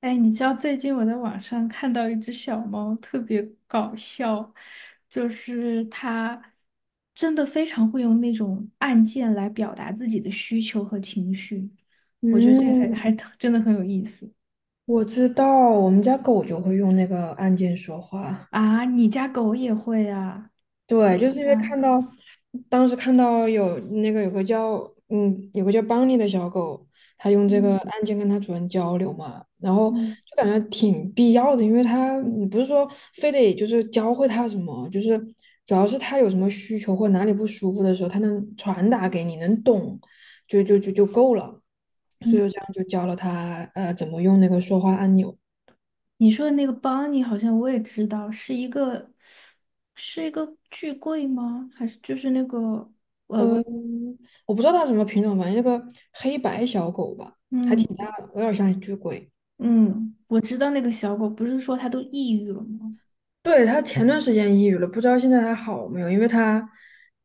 哎，你知道最近我在网上看到一只小猫，特别搞笑，就是它真的非常会用那种按键来表达自己的需求和情绪，我觉得这还嗯，还真的很有意思我知道，我们家狗就会用那个按键说话。啊！你家狗也会啊？对，就是因为看到，当时看到有那个有个叫嗯有个叫邦尼的小狗，它用这个嗯按键跟它主人交流嘛，然后嗯就感觉挺必要的，因为它你不是说非得就是教会它什么，就是主要是它有什么需求或哪里不舒服的时候，它能传达给你，能懂，就够了。所嗯，以我这样就教了它怎么用那个说话按钮。你说的那个邦尼好像我也知道，是一个巨贵吗？还是就是那个嗯，我不知道它什么品种，反正那个黑白小狗吧，嗯有点像一只鬼。嗯，我知道那个小狗，不是说它都抑郁了吗？对，它前段时间抑郁了，不知道现在还好没有，因为它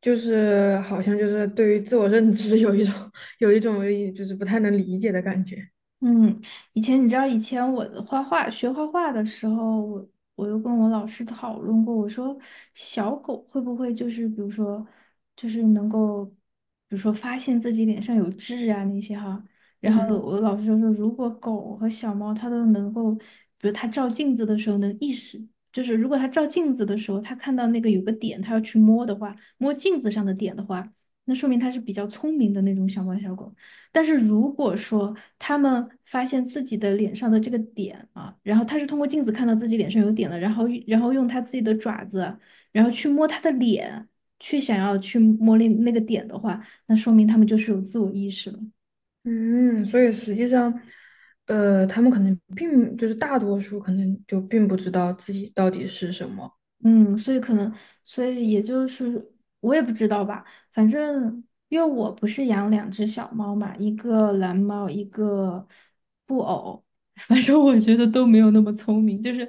就是好像就是对于自我认知 有一种 有一种就是不太能理解的感觉。嗯，以前你知道，以前我画画学画画的时候，我我又跟我老师讨论过，我说小狗会不会就是比如说就是能够，比如说发现自己脸上有痣啊那些哈，然嗯后我老师就说，如果狗和小猫它都能够，比如它照镜子的时候能意识，就是如果它照镜子的时候，它看到那个有个点，它要去摸的话，摸镜子上的点的话，那说明它是比较聪明的那种小猫小狗。但是如果说他们发现自己的脸上的这个点啊，然后他是通过镜子看到自己脸上有点的，然后用他自己的爪子，然后去摸他的脸，去想要去摸那个点的话，那说明他们就是有自我意识了。嗯，所以实际上，他们可能并就是大多数可能就并不知道自己到底是什么。嗯，所以可能，所以也就是我也不知道吧，反正因为我不是养两只小猫嘛，1个蓝猫，一个布偶，反正我觉得都没有那么聪明，就是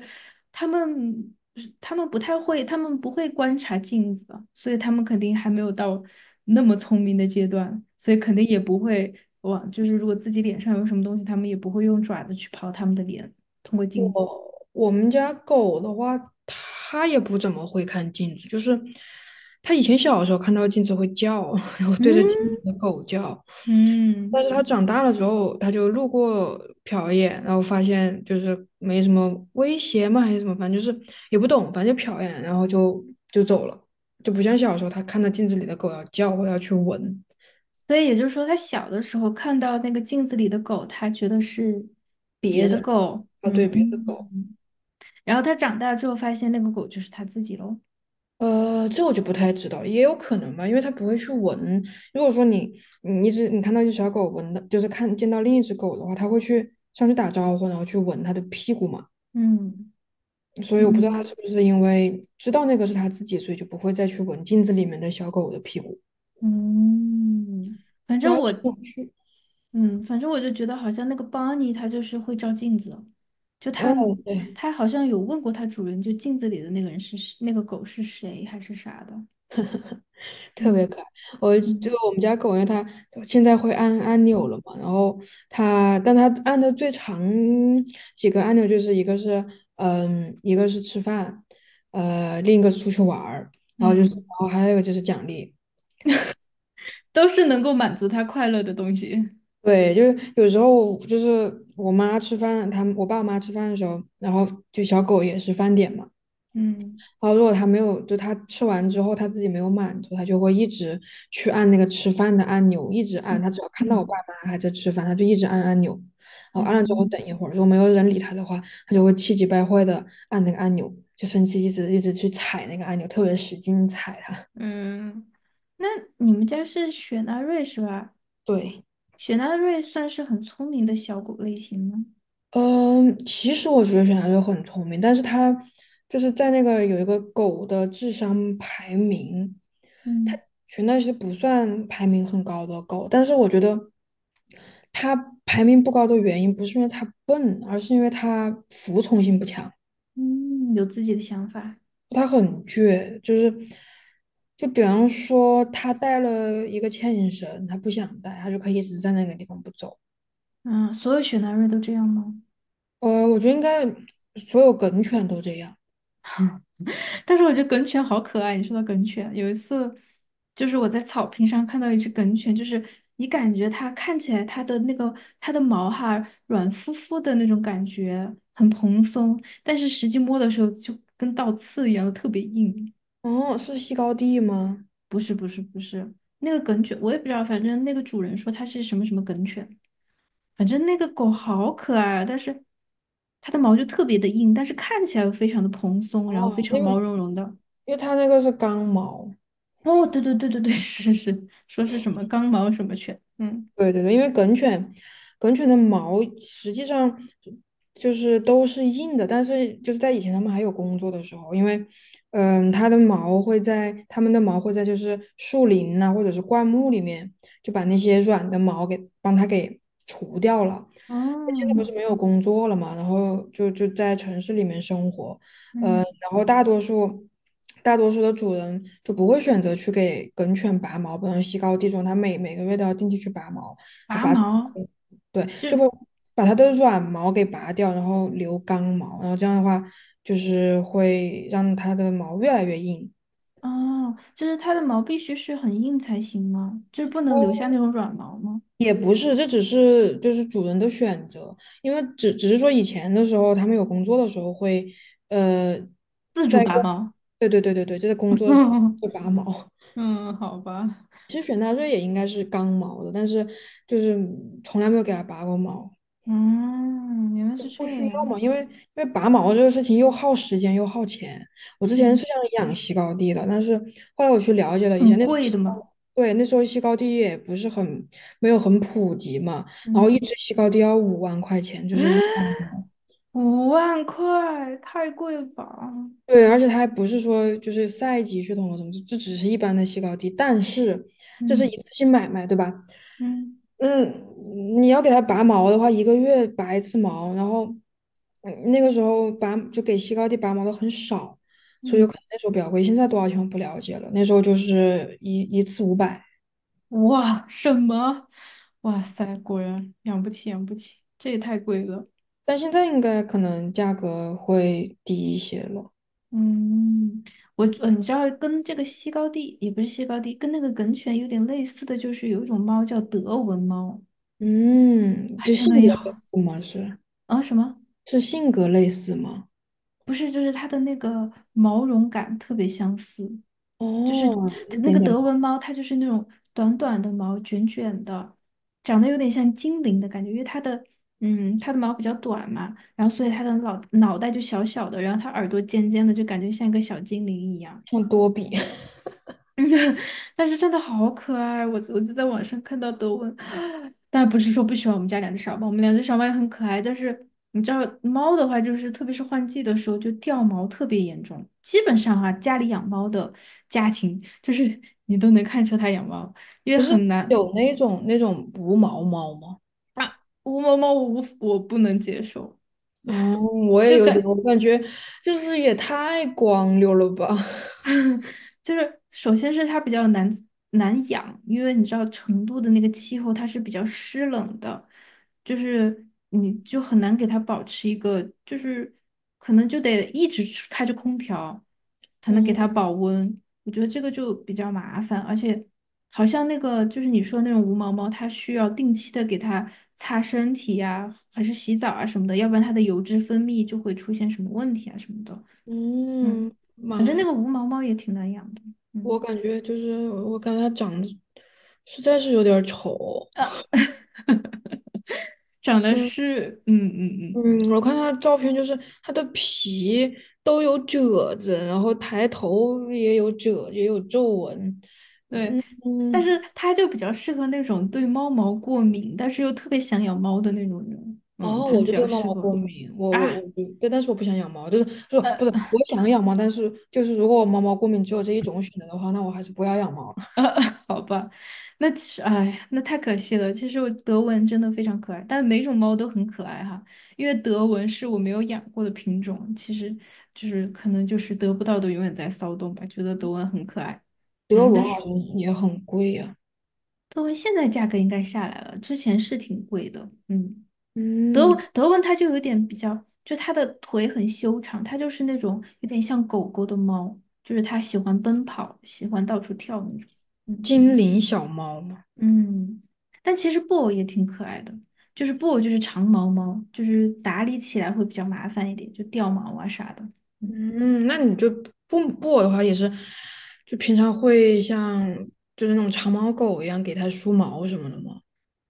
他们他们不太会，他们不会观察镜子，所以他们肯定还没有到那么聪明的阶段，所以肯定也不会往，就是如果自己脸上有什么东西，他们也不会用爪子去刨他们的脸，通过镜子。我们家狗的话，它也不怎么会看镜子，就是它以前小的时候看到镜子会叫，然后对着镜嗯子的狗叫，但嗯。是它长大了之后，它就路过瞟一眼，然后发现就是没什么威胁嘛，还是什么，反正就是也不懂，反正就瞟一眼，然后就走了，就不像小时候它看到镜子里的狗要叫或要去闻，所以也就是说，他小的时候看到那个镜子里的狗，他觉得是别的狗，要嗯，对别的狗。然后他长大之后发现那个狗就是他自己喽，这我就不太知道了，也有可能吧，因为它不会去闻。如果说你看到一只小狗闻的，就是看见到另一只狗的话，它会去上去打招呼，然后去闻它的屁股嘛。嗯所以我不知道它是嗯不是因为知道那个是它自己，所以就不会再去闻镜子里面的小狗的屁股，嗯，反就正还我，挺有趣。嗯，反正我就觉得好像那个邦尼他就是会照镜子，就他嗯，对。他好像有问过他主人，就镜子里的那个人是谁那个狗是谁还是啥的，特别嗯可爱。嗯我们家狗，因为它现在会按按钮了嘛，然后它，但它按的最长几个按钮就是一个是吃饭，另一个是出去玩儿，然嗯，后还有一个就是奖励。都是能够满足他快乐的东西，对，就是有时候就是我妈吃饭，他们我爸妈吃饭的时候，然后就小狗也是饭点嘛。嗯然后如果他没有，就他吃完之后他自己没有满足，他就会一直去按那个吃饭的按钮，一直按。嗯他只要看到我爸嗯。妈还在吃饭，他就一直按按钮。然后按了之后嗯等一会儿，如果没有人理他的话，他就会气急败坏的按那个按钮，就生气，一直一直去踩那个按钮，特别使劲踩它。嗯，那你们家是雪纳瑞是吧？对。雪纳瑞算是很聪明的小狗类型吗？嗯，其实我觉得小孩就很聪明，但是它就是在那个有一个狗的智商排名，它嗯全那些不算排名很高的狗，但是我觉得它排名不高的原因不是因为它笨，而是因为它服从性不强，嗯，有自己的想法。它很倔，就是就比方说它带了一个牵引绳，它不想带，它就可以一直在那个地方不走。嗯，所有雪纳瑞都这样吗？我觉得应该所有梗犬都这样。但是我觉得梗犬好可爱。你说到梗犬，有一次就是我在草坪上看到1只梗犬，就是你感觉它看起来它的那个它的毛哈软乎乎的那种感觉，很蓬松，但是实际摸的时候就跟倒刺一样的特别硬。哦，是西高地吗？那个梗犬，我也不知道，反正那个主人说它是什么什么梗犬，反正那个狗好可爱啊，但是它的毛就特别的硬，但是看起来又非常的蓬松，然后哦，非常因为毛茸茸的。因为它那个是刚毛，哦，对对对对对，是是，说是什么刚毛什么犬，嗯，对对对，因为梗犬，梗犬的毛实际上就是都是硬的，但是就是在以前他们还有工作的时候，因为它们的毛会在就是树林呐、或者是灌木里面，就把那些软的毛给帮它给除掉了，现在哦，不是没有工作了嘛，然后就在城市里面生活，嗯，然后大多数的主人就不会选择去给梗犬拔毛，不能西高地重，它每个月都要定期去拔毛，然后拔毛对，就就把它的软毛给拔掉，然后留刚毛，然后这样的话就是会让它的毛越来越硬。哦，就是它的毛必须是很硬才行吗？就是不能留下那种软毛吗？也不是，这只是就是主人的选择，因为只是说以前的时候，他们有工作的时候会，呃，自主在拔工，毛。对对对对对，就在工作的时候 会拔毛。嗯，好吧。其实雪纳瑞也应该是刚毛的，但是就是从来没有给它拔过毛。嗯，原来是不这需要样。嘛，因为拔毛这个事情又耗时间又耗钱。我之前嗯。是想养西高地的，但是后来我去了解了一下，很那时候贵的西高嘛，对，那时候西高地也不是很没有很普及嘛，然后一嗯 只西高地要5万块钱，就是一般 的。5万块太贵了吧？对，而且它还不是说就是赛级血统或什么，这只是一般的西高地，但是这是一嗯次性买卖，对吧？嗯嗯，你要给它拔毛的话，一个月拔一次毛，然后嗯那个时候拔就给西高地拔毛的很少，所以就嗯，可能那时候比较贵。现在多少钱我不了解了，那时候就是一次500，哇，什么？哇塞，果然养不起，养不起，这也太贵了。但现在应该可能价格会低一些了。嗯，我你知道跟这个西高地也不是西高地，跟那个梗犬有点类似的就是有1种猫叫德文猫，嗯，啊，就真性的格也类好似吗？是啊什么？是性格类似吗？不是，就是它的那个毛绒感特别相似。就是哦，它一那点个点德文猫，它就是那种短短的毛，卷卷的，长得有点像精灵的感觉，因为它的它的毛比较短嘛，然后所以它的脑袋就小小的，然后它耳朵尖尖的，就感觉像1个小精灵一样。像多比，但是真的好可爱，我我就在网上看到德文，但不是说不喜欢我们家两只小猫，我们两只小猫也很可爱，但是你知道猫的话，就是特别是换季的时候就掉毛特别严重，基本上哈、家里养猫的家庭，就是 你都能看出它养猫，因 为不是很难，有那种无毛猫吗？无毛猫我不能接受，哦，我也就有点，感我感觉就是也太光溜了吧。就是首先是它比较难养，因为你知道成都的那个气候它是比较湿冷的，就是你就很难给它保持一个，就是可能就得一直开着空调才能给它哦，保温，我觉得这个就比较麻烦，而且好像那个就是你说的那种无毛猫，它需要定期的给它擦身体呀、还是洗澡啊什么的，要不然它的油脂分泌就会出现什么问题啊什么的。嗯，嗯，妈反正那呀，个无毛猫也挺难养的。我嗯，感觉他长得实在是有点儿丑。呃，长得嗯是，嗯嗯嗯，嗯，我看他照片，就是他的皮都有褶子，然后抬头也有褶，也有皱纹。对，但是嗯，它就比较适合那种对猫毛过敏，但是又特别想养猫的那种人。嗯，哦，它就我比就对较猫适毛过合敏，我我啊，我就对，但是我不想养猫，就是呃不是我想养猫，但是就是如果我猫毛过敏只有这一种选择的话，那我还是不要养猫。呃，好吧，那其实，哎呀那太可惜了。其实我德文真的非常可爱，但每种猫都很可爱哈。因为德文是我没有养过的品种，其实就是可能就是得不到的永远在骚动吧，觉得德文很可爱。德嗯，文但好是像也很贵呀、德文现在价格应该下来了，之前是挺贵的。嗯，德嗯，文德文它就有点比较，就它的腿很修长，它就是那种有点像狗狗的猫，就是它喜欢奔跑，喜欢到处跳那种。嗯精灵小猫嘛，嗯，但其实布偶也挺可爱的，就是布偶就是长毛猫，就是打理起来会比较麻烦一点，就掉毛啊啥的。嗯嗯，那你就不布偶的话也是，就平常会像就是那种长毛狗一样给它梳毛什么的嘛，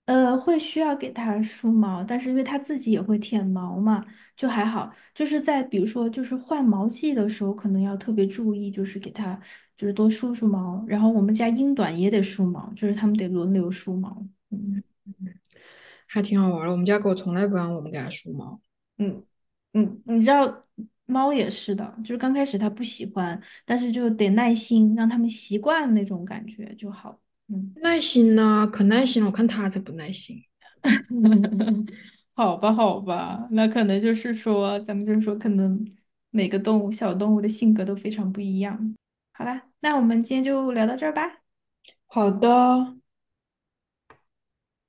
呃，会需要给它梳毛，但是因为它自己也会舔毛嘛，就还好。就是在比如说，就是换毛季的时候，可能要特别注意，就是给它就是多梳梳毛。然后我们家英短也得梳毛，就是它们得轮流梳毛。嗯还挺好玩儿的。我们家狗从来不让我们给它梳毛，嗯嗯，你知道猫也是的，就是刚开始它不喜欢，但是就得耐心让它们习惯那种感觉就好。嗯。耐心呢，可耐心了，我看它才不耐心。好吧，好吧，那可能就是说，咱们就是说，可能每个动物、小动物的性格都非常不一样。好啦，那我们今天就聊到这儿吧。好的。